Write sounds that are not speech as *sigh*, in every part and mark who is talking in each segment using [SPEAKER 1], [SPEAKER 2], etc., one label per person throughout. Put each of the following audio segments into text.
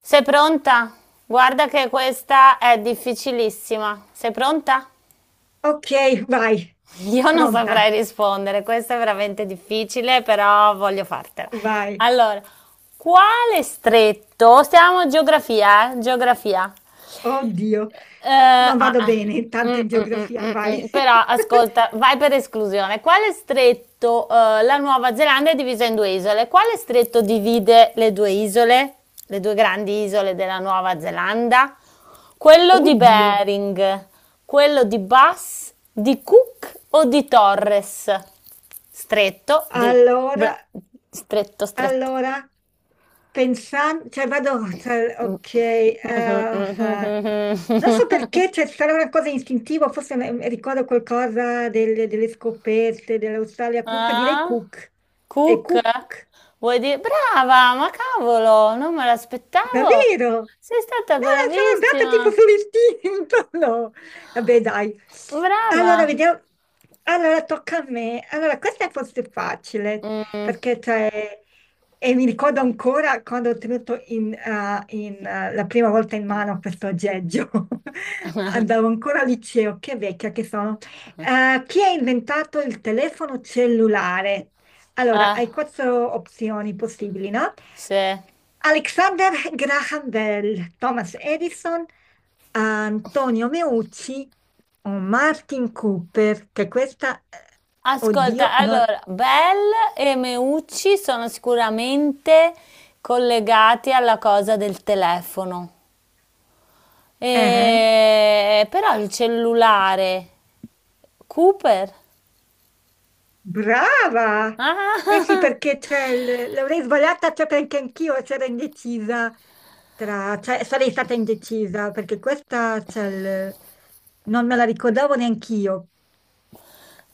[SPEAKER 1] Sei pronta? Guarda che questa è difficilissima. Sei pronta?
[SPEAKER 2] Ok, vai,
[SPEAKER 1] *laughs* Io non
[SPEAKER 2] pronta,
[SPEAKER 1] saprei rispondere, questo è veramente difficile, però voglio fartela.
[SPEAKER 2] vai.
[SPEAKER 1] Allora, quale stretto? Stiamo geografia, eh? Geografia.
[SPEAKER 2] Oddio,
[SPEAKER 1] Eh,
[SPEAKER 2] non
[SPEAKER 1] ah,
[SPEAKER 2] vado
[SPEAKER 1] ah.
[SPEAKER 2] bene tanto in geografia, vai.
[SPEAKER 1] Mm.
[SPEAKER 2] *laughs*
[SPEAKER 1] Però ascolta, vai per esclusione. Quale stretto, la Nuova Zelanda è divisa in due isole? Quale stretto divide le due isole, le due grandi isole della Nuova Zelanda? Quello di
[SPEAKER 2] Oddio.
[SPEAKER 1] Bering, quello di Bass, di Cook o di Torres? Stretto di
[SPEAKER 2] Allora,
[SPEAKER 1] Br- stretto, stretto.
[SPEAKER 2] allora, pensando, cioè vado,
[SPEAKER 1] *laughs*
[SPEAKER 2] cioè,
[SPEAKER 1] Mm.
[SPEAKER 2] okeh. Non so perché, c'è sarà una cosa istintiva, forse ricordo qualcosa delle scoperte dell'Australia, comunque direi
[SPEAKER 1] Ah?
[SPEAKER 2] Cook. E
[SPEAKER 1] Cook?
[SPEAKER 2] Cook,
[SPEAKER 1] Vuoi dire? Brava, ma cavolo, non me l'aspettavo.
[SPEAKER 2] davvero?
[SPEAKER 1] Sei stata
[SPEAKER 2] No, sono andata tipo
[SPEAKER 1] bravissima.
[SPEAKER 2] sull'istinto. *laughs* No. Vabbè, dai.
[SPEAKER 1] Brava.
[SPEAKER 2] Allora, vediamo. Allora, tocca a me. Allora, questa forse è facile,
[SPEAKER 1] Mm.
[SPEAKER 2] perché cioè, e mi ricordo ancora quando ho tenuto la prima volta in mano questo aggeggio. *laughs* Andavo
[SPEAKER 1] *laughs*
[SPEAKER 2] ancora al liceo, che vecchia che sono. Chi ha inventato il telefono cellulare? Allora,
[SPEAKER 1] Ah,
[SPEAKER 2] hai quattro opzioni possibili, no?
[SPEAKER 1] sì.
[SPEAKER 2] Alexander Graham Bell, Thomas Edison, Antonio Meucci o Martin Cooper, che questa, oddio,
[SPEAKER 1] Ascolta,
[SPEAKER 2] non.
[SPEAKER 1] allora, Bell e Meucci sono sicuramente collegati alla cosa del telefono.
[SPEAKER 2] Eh,
[SPEAKER 1] Però il cellulare, Cooper?
[SPEAKER 2] brava! Eh sì,
[SPEAKER 1] Ah!
[SPEAKER 2] perché c'è l'avrei sbagliata, cioè perché anch'io c'ero indecisa tra. Cioè sarei stata indecisa, perché questa c'è il. Non me la ricordavo neanch'io.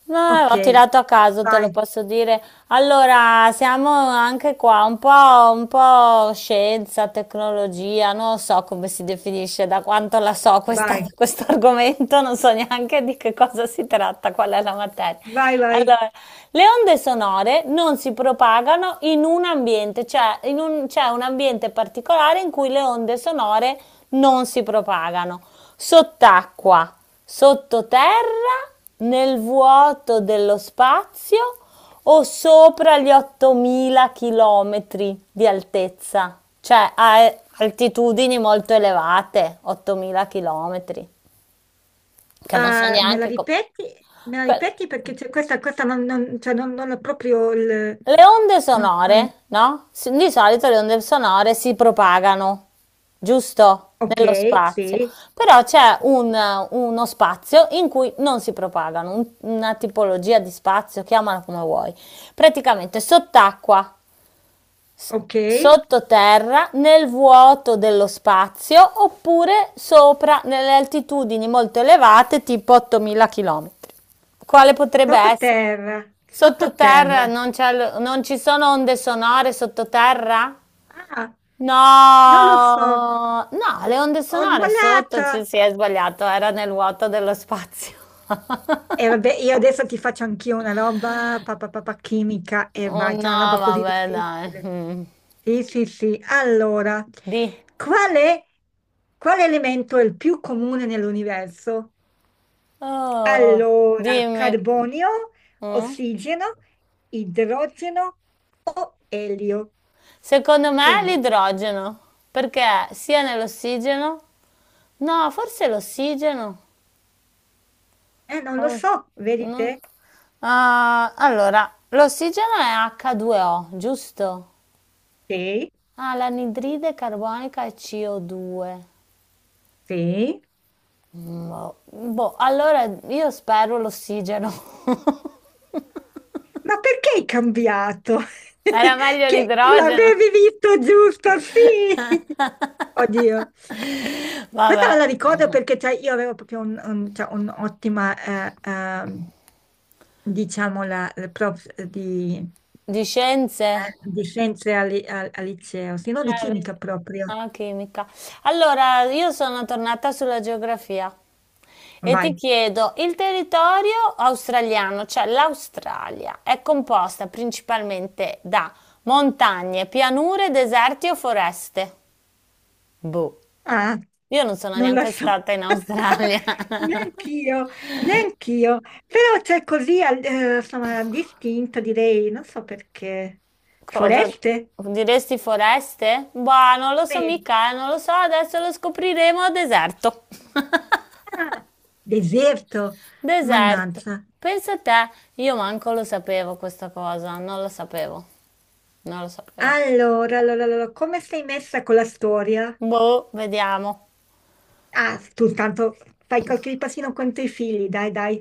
[SPEAKER 1] No,
[SPEAKER 2] Ok,
[SPEAKER 1] ho tirato a caso, te lo
[SPEAKER 2] vai,
[SPEAKER 1] posso dire. Allora, siamo anche qua un po' scienza, tecnologia, non so come si definisce, da quanto la so
[SPEAKER 2] vai,
[SPEAKER 1] *laughs* questo argomento, non so neanche di che cosa si tratta, qual è la materia.
[SPEAKER 2] vai, vai.
[SPEAKER 1] Allora, le onde sonore non si propagano in un ambiente, cioè c'è un ambiente particolare in cui le onde sonore non si propagano. Sott'acqua. Sottoterra, nel vuoto dello spazio o sopra gli 8000 chilometri di altezza? Cioè a altitudini molto elevate, 8000 chilometri, che non so
[SPEAKER 2] Ah, me la
[SPEAKER 1] neanche come...
[SPEAKER 2] ripeti? Me la ripeti perché c'è questa non, non, cioè non ho proprio il.
[SPEAKER 1] Le onde
[SPEAKER 2] non- non-
[SPEAKER 1] sonore, no, s di solito le onde sonore si propagano, giusto,
[SPEAKER 2] Ok,
[SPEAKER 1] nello spazio,
[SPEAKER 2] sì,
[SPEAKER 1] però c'è un uno spazio in cui non si propagano, un una tipologia di spazio, chiamala come vuoi. Praticamente sott'acqua, s
[SPEAKER 2] ok.
[SPEAKER 1] sottoterra, nel vuoto dello spazio, oppure sopra nelle altitudini molto elevate, tipo 8000 chilometri. Quale potrebbe essere?
[SPEAKER 2] Sottoterra,
[SPEAKER 1] Sottoterra
[SPEAKER 2] sottoterra.
[SPEAKER 1] non c'è l- non ci sono onde sonore sottoterra?
[SPEAKER 2] Ah, non lo so,
[SPEAKER 1] No, no, le onde
[SPEAKER 2] ho
[SPEAKER 1] sonore sotto
[SPEAKER 2] sbagliato.
[SPEAKER 1] ci si è sbagliato, era nel vuoto dello spazio. *laughs*
[SPEAKER 2] E vabbè, io adesso ti faccio anch'io una roba papà papà chimica e
[SPEAKER 1] Oh
[SPEAKER 2] vai,
[SPEAKER 1] no,
[SPEAKER 2] c'è una roba così
[SPEAKER 1] vabbè, dai.
[SPEAKER 2] difficile.
[SPEAKER 1] Mm.
[SPEAKER 2] Sì, sì, sì. Allora,
[SPEAKER 1] Di.
[SPEAKER 2] qual è, quale elemento è il più comune nell'universo?
[SPEAKER 1] Oh,
[SPEAKER 2] Allora,
[SPEAKER 1] dimmi.
[SPEAKER 2] carbonio,
[SPEAKER 1] Mm?
[SPEAKER 2] ossigeno, idrogeno o elio.
[SPEAKER 1] Secondo me
[SPEAKER 2] Quindi,
[SPEAKER 1] l'idrogeno, perché sia nell'ossigeno. No, forse l'ossigeno.
[SPEAKER 2] non lo
[SPEAKER 1] Oh,
[SPEAKER 2] so,
[SPEAKER 1] no.
[SPEAKER 2] vedete?
[SPEAKER 1] Ah, allora, l'ossigeno è H2O, giusto?
[SPEAKER 2] Sì,
[SPEAKER 1] Ah, l'anidride carbonica è CO2.
[SPEAKER 2] sì.
[SPEAKER 1] Boh, boh, allora io spero l'ossigeno. *laughs*
[SPEAKER 2] Ma perché hai cambiato?
[SPEAKER 1] Era
[SPEAKER 2] *laughs*
[SPEAKER 1] meglio
[SPEAKER 2] Che
[SPEAKER 1] l'idrogeno.
[SPEAKER 2] l'avevi visto giusto, sì. *laughs* Oddio.
[SPEAKER 1] *laughs*
[SPEAKER 2] Questa
[SPEAKER 1] Vabbè,
[SPEAKER 2] me la ricordo perché cioè, io avevo proprio cioè, un'ottima, eh, ehm, diciamo, la prof
[SPEAKER 1] di scienze.
[SPEAKER 2] di scienze al liceo, se no di
[SPEAKER 1] Ah, vedi.
[SPEAKER 2] chimica proprio.
[SPEAKER 1] Ah, chimica. Allora, io sono tornata sulla geografia e ti
[SPEAKER 2] Vai.
[SPEAKER 1] chiedo, il territorio australiano, cioè l'Australia, è composta principalmente da montagne, pianure, deserti o foreste? Boh,
[SPEAKER 2] Ah,
[SPEAKER 1] io non sono
[SPEAKER 2] non la
[SPEAKER 1] neanche
[SPEAKER 2] so.
[SPEAKER 1] stata in
[SPEAKER 2] *laughs*
[SPEAKER 1] Australia. *laughs*
[SPEAKER 2] Neanch'io, neanch'io. Però c'è così, insomma, distinto, direi, non so perché.
[SPEAKER 1] Cosa
[SPEAKER 2] Foreste?
[SPEAKER 1] diresti foreste? Boh, non lo so
[SPEAKER 2] Sì.
[SPEAKER 1] mica, non lo so, adesso lo scopriremo a deserto. *laughs*
[SPEAKER 2] Ah, deserto.
[SPEAKER 1] Deserto.
[SPEAKER 2] Mannaggia.
[SPEAKER 1] Pensa a te, io manco lo sapevo questa cosa, non lo sapevo, non lo sapevo.
[SPEAKER 2] Allora, come sei messa con la storia?
[SPEAKER 1] Boh, vediamo.
[SPEAKER 2] Ah, tu intanto fai qualche passino con i tuoi figli, dai, dai.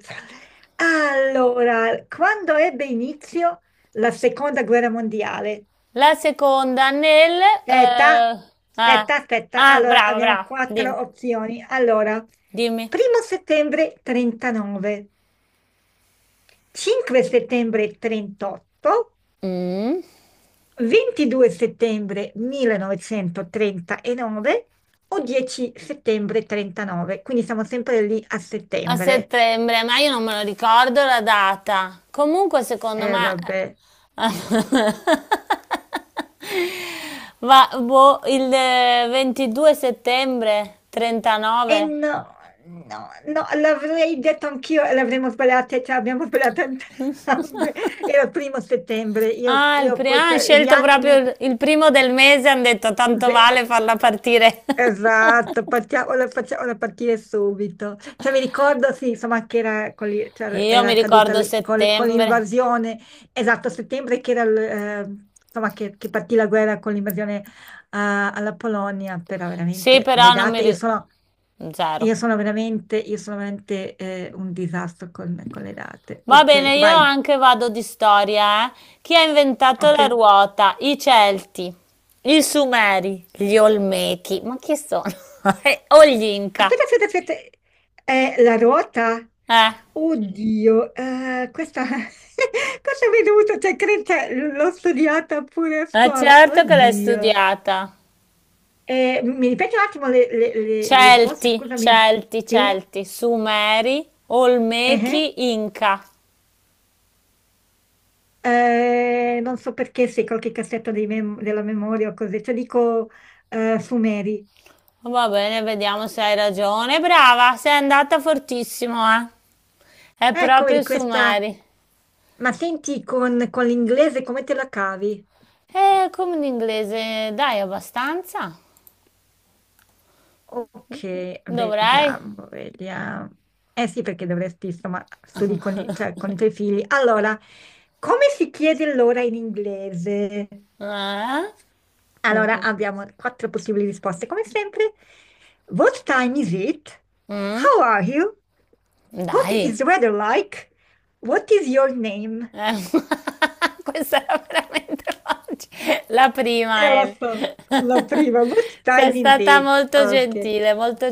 [SPEAKER 2] Allora, quando ebbe inizio la seconda guerra mondiale?
[SPEAKER 1] La seconda nel...
[SPEAKER 2] Aspetta,
[SPEAKER 1] eh,
[SPEAKER 2] aspetta,
[SPEAKER 1] ah,
[SPEAKER 2] aspetta.
[SPEAKER 1] ah,
[SPEAKER 2] Allora,
[SPEAKER 1] brava,
[SPEAKER 2] abbiamo
[SPEAKER 1] brava,
[SPEAKER 2] quattro
[SPEAKER 1] dimmi.
[SPEAKER 2] opzioni. Allora,
[SPEAKER 1] Dimmi.
[SPEAKER 2] primo settembre 39, 5 settembre 38,
[SPEAKER 1] Mm.
[SPEAKER 2] 22 settembre 1939 o 10 settembre 39, quindi siamo sempre lì a
[SPEAKER 1] A
[SPEAKER 2] settembre.
[SPEAKER 1] settembre, ma io non me lo ricordo la data. Comunque, secondo me...
[SPEAKER 2] Vabbè.
[SPEAKER 1] *laughs* Ma boh, il 22 settembre,
[SPEAKER 2] E
[SPEAKER 1] 39.
[SPEAKER 2] no, no, no, l'avrei detto anch'io e l'avremmo sbagliata, cioè abbiamo sbagliato entrambe. *laughs* Era il primo settembre, io, io poi,
[SPEAKER 1] Ah, hai
[SPEAKER 2] cioè, gli
[SPEAKER 1] scelto
[SPEAKER 2] anni,
[SPEAKER 1] proprio
[SPEAKER 2] me-
[SPEAKER 1] il primo del mese, hanno detto tanto
[SPEAKER 2] Sì,
[SPEAKER 1] vale farla partire.
[SPEAKER 2] esatto,
[SPEAKER 1] *laughs*
[SPEAKER 2] facciamola partire subito. Cioè, mi ricordo, sì, insomma, che era, con cioè,
[SPEAKER 1] Io
[SPEAKER 2] era
[SPEAKER 1] mi
[SPEAKER 2] accaduta
[SPEAKER 1] ricordo
[SPEAKER 2] con
[SPEAKER 1] settembre.
[SPEAKER 2] l'invasione, esatto, a settembre che era, insomma, che partì la guerra con l'invasione, ah, alla Polonia, però
[SPEAKER 1] Sì,
[SPEAKER 2] veramente le
[SPEAKER 1] però non mi
[SPEAKER 2] date, io
[SPEAKER 1] ricordo.
[SPEAKER 2] sono,
[SPEAKER 1] Zero.
[SPEAKER 2] io sono veramente un disastro con le date.
[SPEAKER 1] Va
[SPEAKER 2] Ok,
[SPEAKER 1] bene, io
[SPEAKER 2] vai,
[SPEAKER 1] anche vado di storia, eh. Chi ha inventato
[SPEAKER 2] ok.
[SPEAKER 1] la ruota? I Celti, i Sumeri, gli Olmechi. Ma chi sono? *laughs* O gli Inca.
[SPEAKER 2] Aspetta, aspetta, aspetta. È la ruota?
[SPEAKER 1] Eh,
[SPEAKER 2] Oddio, questa. *laughs* Cosa mi è dovuto. Cioè, credo che l'ho studiata pure a
[SPEAKER 1] ma
[SPEAKER 2] scuola.
[SPEAKER 1] certo che l'hai
[SPEAKER 2] Oddio.
[SPEAKER 1] studiata.
[SPEAKER 2] Mi ripeti un attimo le risposte,
[SPEAKER 1] Celti,
[SPEAKER 2] scusami.
[SPEAKER 1] Celti,
[SPEAKER 2] Sì?
[SPEAKER 1] Celti, Sumeri,
[SPEAKER 2] Eh, eh.
[SPEAKER 1] Olmechi, Inca.
[SPEAKER 2] Non so perché se qualche cassetto dei della memoria o così. Cioè, dico Sumeri.
[SPEAKER 1] Va bene, vediamo se hai ragione. Brava, sei andata fortissimo, eh. È
[SPEAKER 2] Ecco,
[SPEAKER 1] proprio
[SPEAKER 2] vedi questa.
[SPEAKER 1] Sumeri.
[SPEAKER 2] Ma senti, con l'inglese come te la cavi?
[SPEAKER 1] E come in inglese, dai abbastanza?
[SPEAKER 2] Ok,
[SPEAKER 1] Dovrei?
[SPEAKER 2] vediamo, vediamo. Eh sì, perché dovresti, insomma, studi con i tuoi figli. Allora, come si chiede l'ora in inglese?
[SPEAKER 1] Eh?
[SPEAKER 2] Allora, abbiamo quattro possibili risposte, come sempre. What time is it?
[SPEAKER 1] Mm?
[SPEAKER 2] How are you? What
[SPEAKER 1] Dai.
[SPEAKER 2] is the weather like? What is your name?
[SPEAKER 1] Eh, *laughs* questa era veramente facile. La prima,
[SPEAKER 2] Lo
[SPEAKER 1] Emi.
[SPEAKER 2] so, la
[SPEAKER 1] *laughs*
[SPEAKER 2] prima. What
[SPEAKER 1] Sei
[SPEAKER 2] time is
[SPEAKER 1] stata
[SPEAKER 2] it?
[SPEAKER 1] molto
[SPEAKER 2] Ok.
[SPEAKER 1] gentile, molto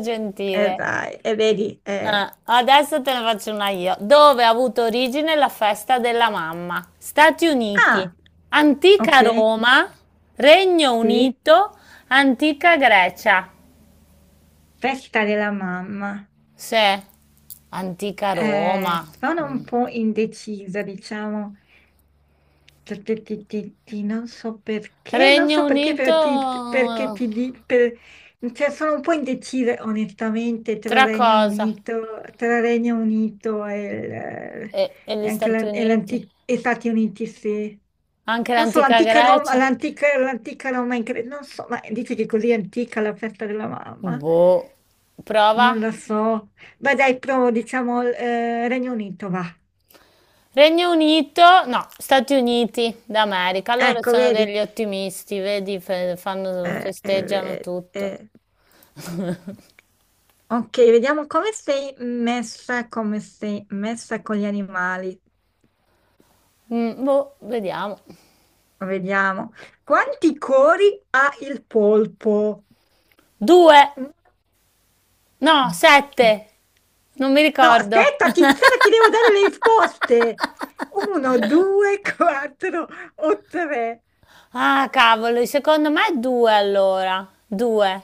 [SPEAKER 1] gentile.
[SPEAKER 2] Dai, e vedi.
[SPEAKER 1] Adesso te ne faccio una io. Dove ha avuto origine la festa della mamma? Stati Uniti,
[SPEAKER 2] Ah!
[SPEAKER 1] antica
[SPEAKER 2] Ok,
[SPEAKER 1] Roma, Regno
[SPEAKER 2] sì,
[SPEAKER 1] Unito, antica Grecia.
[SPEAKER 2] festa della mamma.
[SPEAKER 1] Sì, antica Roma.
[SPEAKER 2] Sono
[SPEAKER 1] Mm.
[SPEAKER 2] un po' indecisa, diciamo. Non so perché,
[SPEAKER 1] Regno Unito,
[SPEAKER 2] perché ti di- per- cioè, sono un po' indecisa onestamente tra
[SPEAKER 1] tra
[SPEAKER 2] Regno
[SPEAKER 1] cosa?
[SPEAKER 2] Unito, tra Regno Unito e,
[SPEAKER 1] E gli
[SPEAKER 2] e anche
[SPEAKER 1] Stati Uniti?
[SPEAKER 2] Stati Uniti, sì.
[SPEAKER 1] Anche
[SPEAKER 2] Non so,
[SPEAKER 1] l'antica
[SPEAKER 2] l'antica Roma,
[SPEAKER 1] Grecia?
[SPEAKER 2] l'antica Roma, in non so, ma dice che è così antica la festa della mamma.
[SPEAKER 1] Boh,
[SPEAKER 2] Non
[SPEAKER 1] prova.
[SPEAKER 2] lo so. Beh, dai, provo, diciamo, Regno Unito, va.
[SPEAKER 1] Regno Unito, no, Stati Uniti d'America, loro
[SPEAKER 2] Ecco,
[SPEAKER 1] sono
[SPEAKER 2] vedi.
[SPEAKER 1] degli ottimisti, vedi,
[SPEAKER 2] Eh,
[SPEAKER 1] festeggiano
[SPEAKER 2] eh, eh.
[SPEAKER 1] tutto.
[SPEAKER 2] eh. Ok, vediamo come sei messa con gli animali.
[SPEAKER 1] Mm, boh, vediamo.
[SPEAKER 2] Vediamo. Quanti cori ha il polpo?
[SPEAKER 1] Due, no, sette, non mi
[SPEAKER 2] No,
[SPEAKER 1] ricordo. *laughs*
[SPEAKER 2] aspetta, aspetta, ti devo dare le risposte. Uno, due, *laughs* quattro o tre.
[SPEAKER 1] Ah, cavolo, secondo me è due allora, due.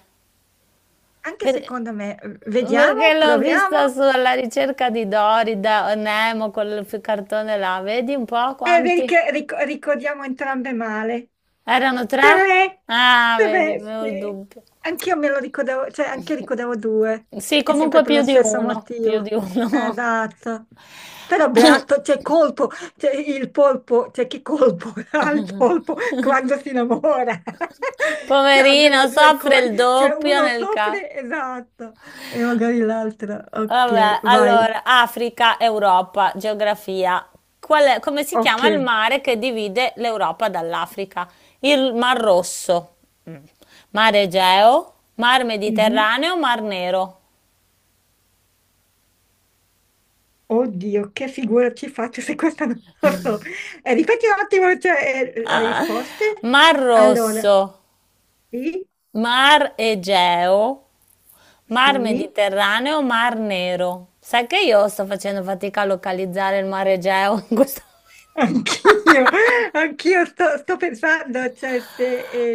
[SPEAKER 2] Anche
[SPEAKER 1] Per-
[SPEAKER 2] secondo me, vediamo,
[SPEAKER 1] Perché l'ho vista
[SPEAKER 2] proviamo
[SPEAKER 1] sulla ricerca di Dory, da Nemo, quel cartone là, vedi un po'
[SPEAKER 2] e vedi
[SPEAKER 1] quanti?
[SPEAKER 2] che ricordiamo entrambe male.
[SPEAKER 1] Erano tre?
[SPEAKER 2] Tre,
[SPEAKER 1] Ah, vedi,
[SPEAKER 2] tre,
[SPEAKER 1] avevo il
[SPEAKER 2] sì.
[SPEAKER 1] dubbio.
[SPEAKER 2] Anch'io me lo ricordavo, cioè anche ricordavo due,
[SPEAKER 1] Sì,
[SPEAKER 2] è sempre
[SPEAKER 1] comunque
[SPEAKER 2] per
[SPEAKER 1] più
[SPEAKER 2] lo
[SPEAKER 1] di
[SPEAKER 2] stesso
[SPEAKER 1] uno, più di
[SPEAKER 2] motivo.
[SPEAKER 1] uno.
[SPEAKER 2] Esatto. Però
[SPEAKER 1] *coughs*
[SPEAKER 2] beato, c'è colpo, c'è il polpo, c'è chi colpo *laughs* ha il polpo quando si innamora. *laughs* Cioè, almeno
[SPEAKER 1] Poverino,
[SPEAKER 2] due
[SPEAKER 1] soffre il
[SPEAKER 2] cori, c'è
[SPEAKER 1] doppio
[SPEAKER 2] uno
[SPEAKER 1] nel caso.
[SPEAKER 2] soffre, esatto, e magari l'altro. Ok,
[SPEAKER 1] Vabbè,
[SPEAKER 2] vai.
[SPEAKER 1] allora, Africa, Europa, geografia. Come si
[SPEAKER 2] Ok.
[SPEAKER 1] chiama il mare che divide l'Europa dall'Africa? Il Mar Rosso. Mm. Mare Egeo, Mar
[SPEAKER 2] Mhm.
[SPEAKER 1] Mediterraneo, Mar Nero.
[SPEAKER 2] Oddio, che figura ci faccio se questa non *laughs* la so. Ripeti un attimo, cioè, le
[SPEAKER 1] Ah,
[SPEAKER 2] risposte.
[SPEAKER 1] Mar
[SPEAKER 2] Allora,
[SPEAKER 1] Rosso.
[SPEAKER 2] sì,
[SPEAKER 1] Mar Egeo, Mar
[SPEAKER 2] sì,
[SPEAKER 1] Mediterraneo, Mar Nero. Sai che io sto facendo fatica a localizzare il Mar Egeo in questo momento?
[SPEAKER 2] anch'io,
[SPEAKER 1] *laughs*
[SPEAKER 2] *laughs* anch'io sto pensando, cioè, se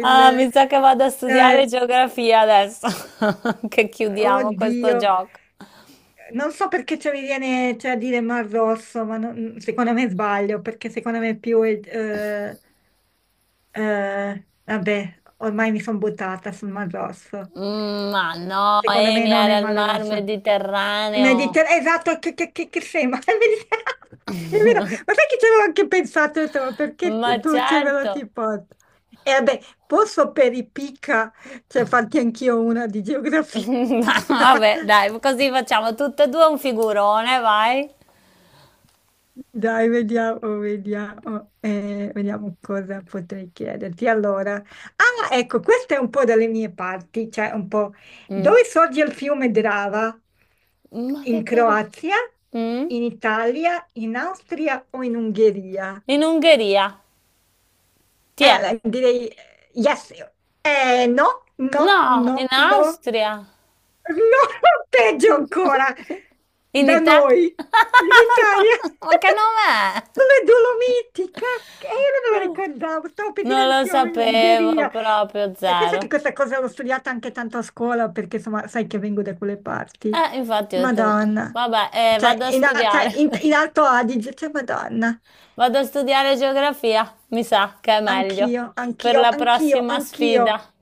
[SPEAKER 1] Ah, mi sa che vado a studiare
[SPEAKER 2] Cioè,
[SPEAKER 1] geografia adesso, *laughs* che chiudiamo questo
[SPEAKER 2] oddio.
[SPEAKER 1] gioco.
[SPEAKER 2] Non so perché ci mi viene cioè, a dire Mar Rosso, ma secondo me sbaglio, perché secondo me è più. Vabbè, ormai mi sono buttata sul Mar Rosso.
[SPEAKER 1] Mm, ma no,
[SPEAKER 2] Secondo me
[SPEAKER 1] Emi
[SPEAKER 2] non è
[SPEAKER 1] era il
[SPEAKER 2] Mar
[SPEAKER 1] Mar
[SPEAKER 2] Rosso.
[SPEAKER 1] Mediterraneo.
[SPEAKER 2] Mediterraneo, esatto, che sei, ma *laughs* è Mediterraneo. È vero. Ma sai che ci avevo anche pensato, ho detto, ma perché
[SPEAKER 1] Ma
[SPEAKER 2] tu ce ve lo
[SPEAKER 1] certo.
[SPEAKER 2] ti porti? E vabbè, posso per i picca, cioè farti anch'io una di
[SPEAKER 1] *laughs*
[SPEAKER 2] geografia.
[SPEAKER 1] Ma vabbè, dai,
[SPEAKER 2] *laughs*
[SPEAKER 1] così facciamo tutte e due un figurone, vai.
[SPEAKER 2] Dai, vediamo, vediamo, vediamo cosa potrei chiederti. Allora, ah, ecco, questa è un po' dalle mie parti, cioè un po'
[SPEAKER 1] Mm.
[SPEAKER 2] dove sorge il fiume Drava?
[SPEAKER 1] Ma che
[SPEAKER 2] In
[SPEAKER 1] cavolo?
[SPEAKER 2] Croazia,
[SPEAKER 1] Mm?
[SPEAKER 2] in Italia, in Austria o in Ungheria?
[SPEAKER 1] In Ungheria. Tiè.
[SPEAKER 2] Beh, direi yes. No, no,
[SPEAKER 1] No, in
[SPEAKER 2] no, no.
[SPEAKER 1] Austria.
[SPEAKER 2] No, *laughs* peggio ancora,
[SPEAKER 1] In
[SPEAKER 2] da
[SPEAKER 1] Italia.
[SPEAKER 2] noi, in
[SPEAKER 1] *laughs*
[SPEAKER 2] Italia, *laughs*
[SPEAKER 1] No, ma che nome è?
[SPEAKER 2] le Dolomiti, cacchio, io non me lo
[SPEAKER 1] Non,
[SPEAKER 2] ricordavo, stavo per dire
[SPEAKER 1] non lo
[SPEAKER 2] anch'io in
[SPEAKER 1] sapevo
[SPEAKER 2] Ungheria.
[SPEAKER 1] proprio
[SPEAKER 2] E penso che
[SPEAKER 1] zero.
[SPEAKER 2] questa cosa l'ho studiata anche tanto a scuola, perché insomma, sai che vengo da quelle parti.
[SPEAKER 1] Infatti ho detto,
[SPEAKER 2] Madonna, cioè,
[SPEAKER 1] vado a
[SPEAKER 2] in, a-
[SPEAKER 1] studiare.
[SPEAKER 2] cioè, in- in
[SPEAKER 1] *laughs*
[SPEAKER 2] Alto Adige, cioè, Madonna,
[SPEAKER 1] Vado a studiare geografia, mi sa che è meglio
[SPEAKER 2] anch'io,
[SPEAKER 1] per
[SPEAKER 2] anch'io,
[SPEAKER 1] la
[SPEAKER 2] anch'io,
[SPEAKER 1] prossima
[SPEAKER 2] anch'io.
[SPEAKER 1] sfida.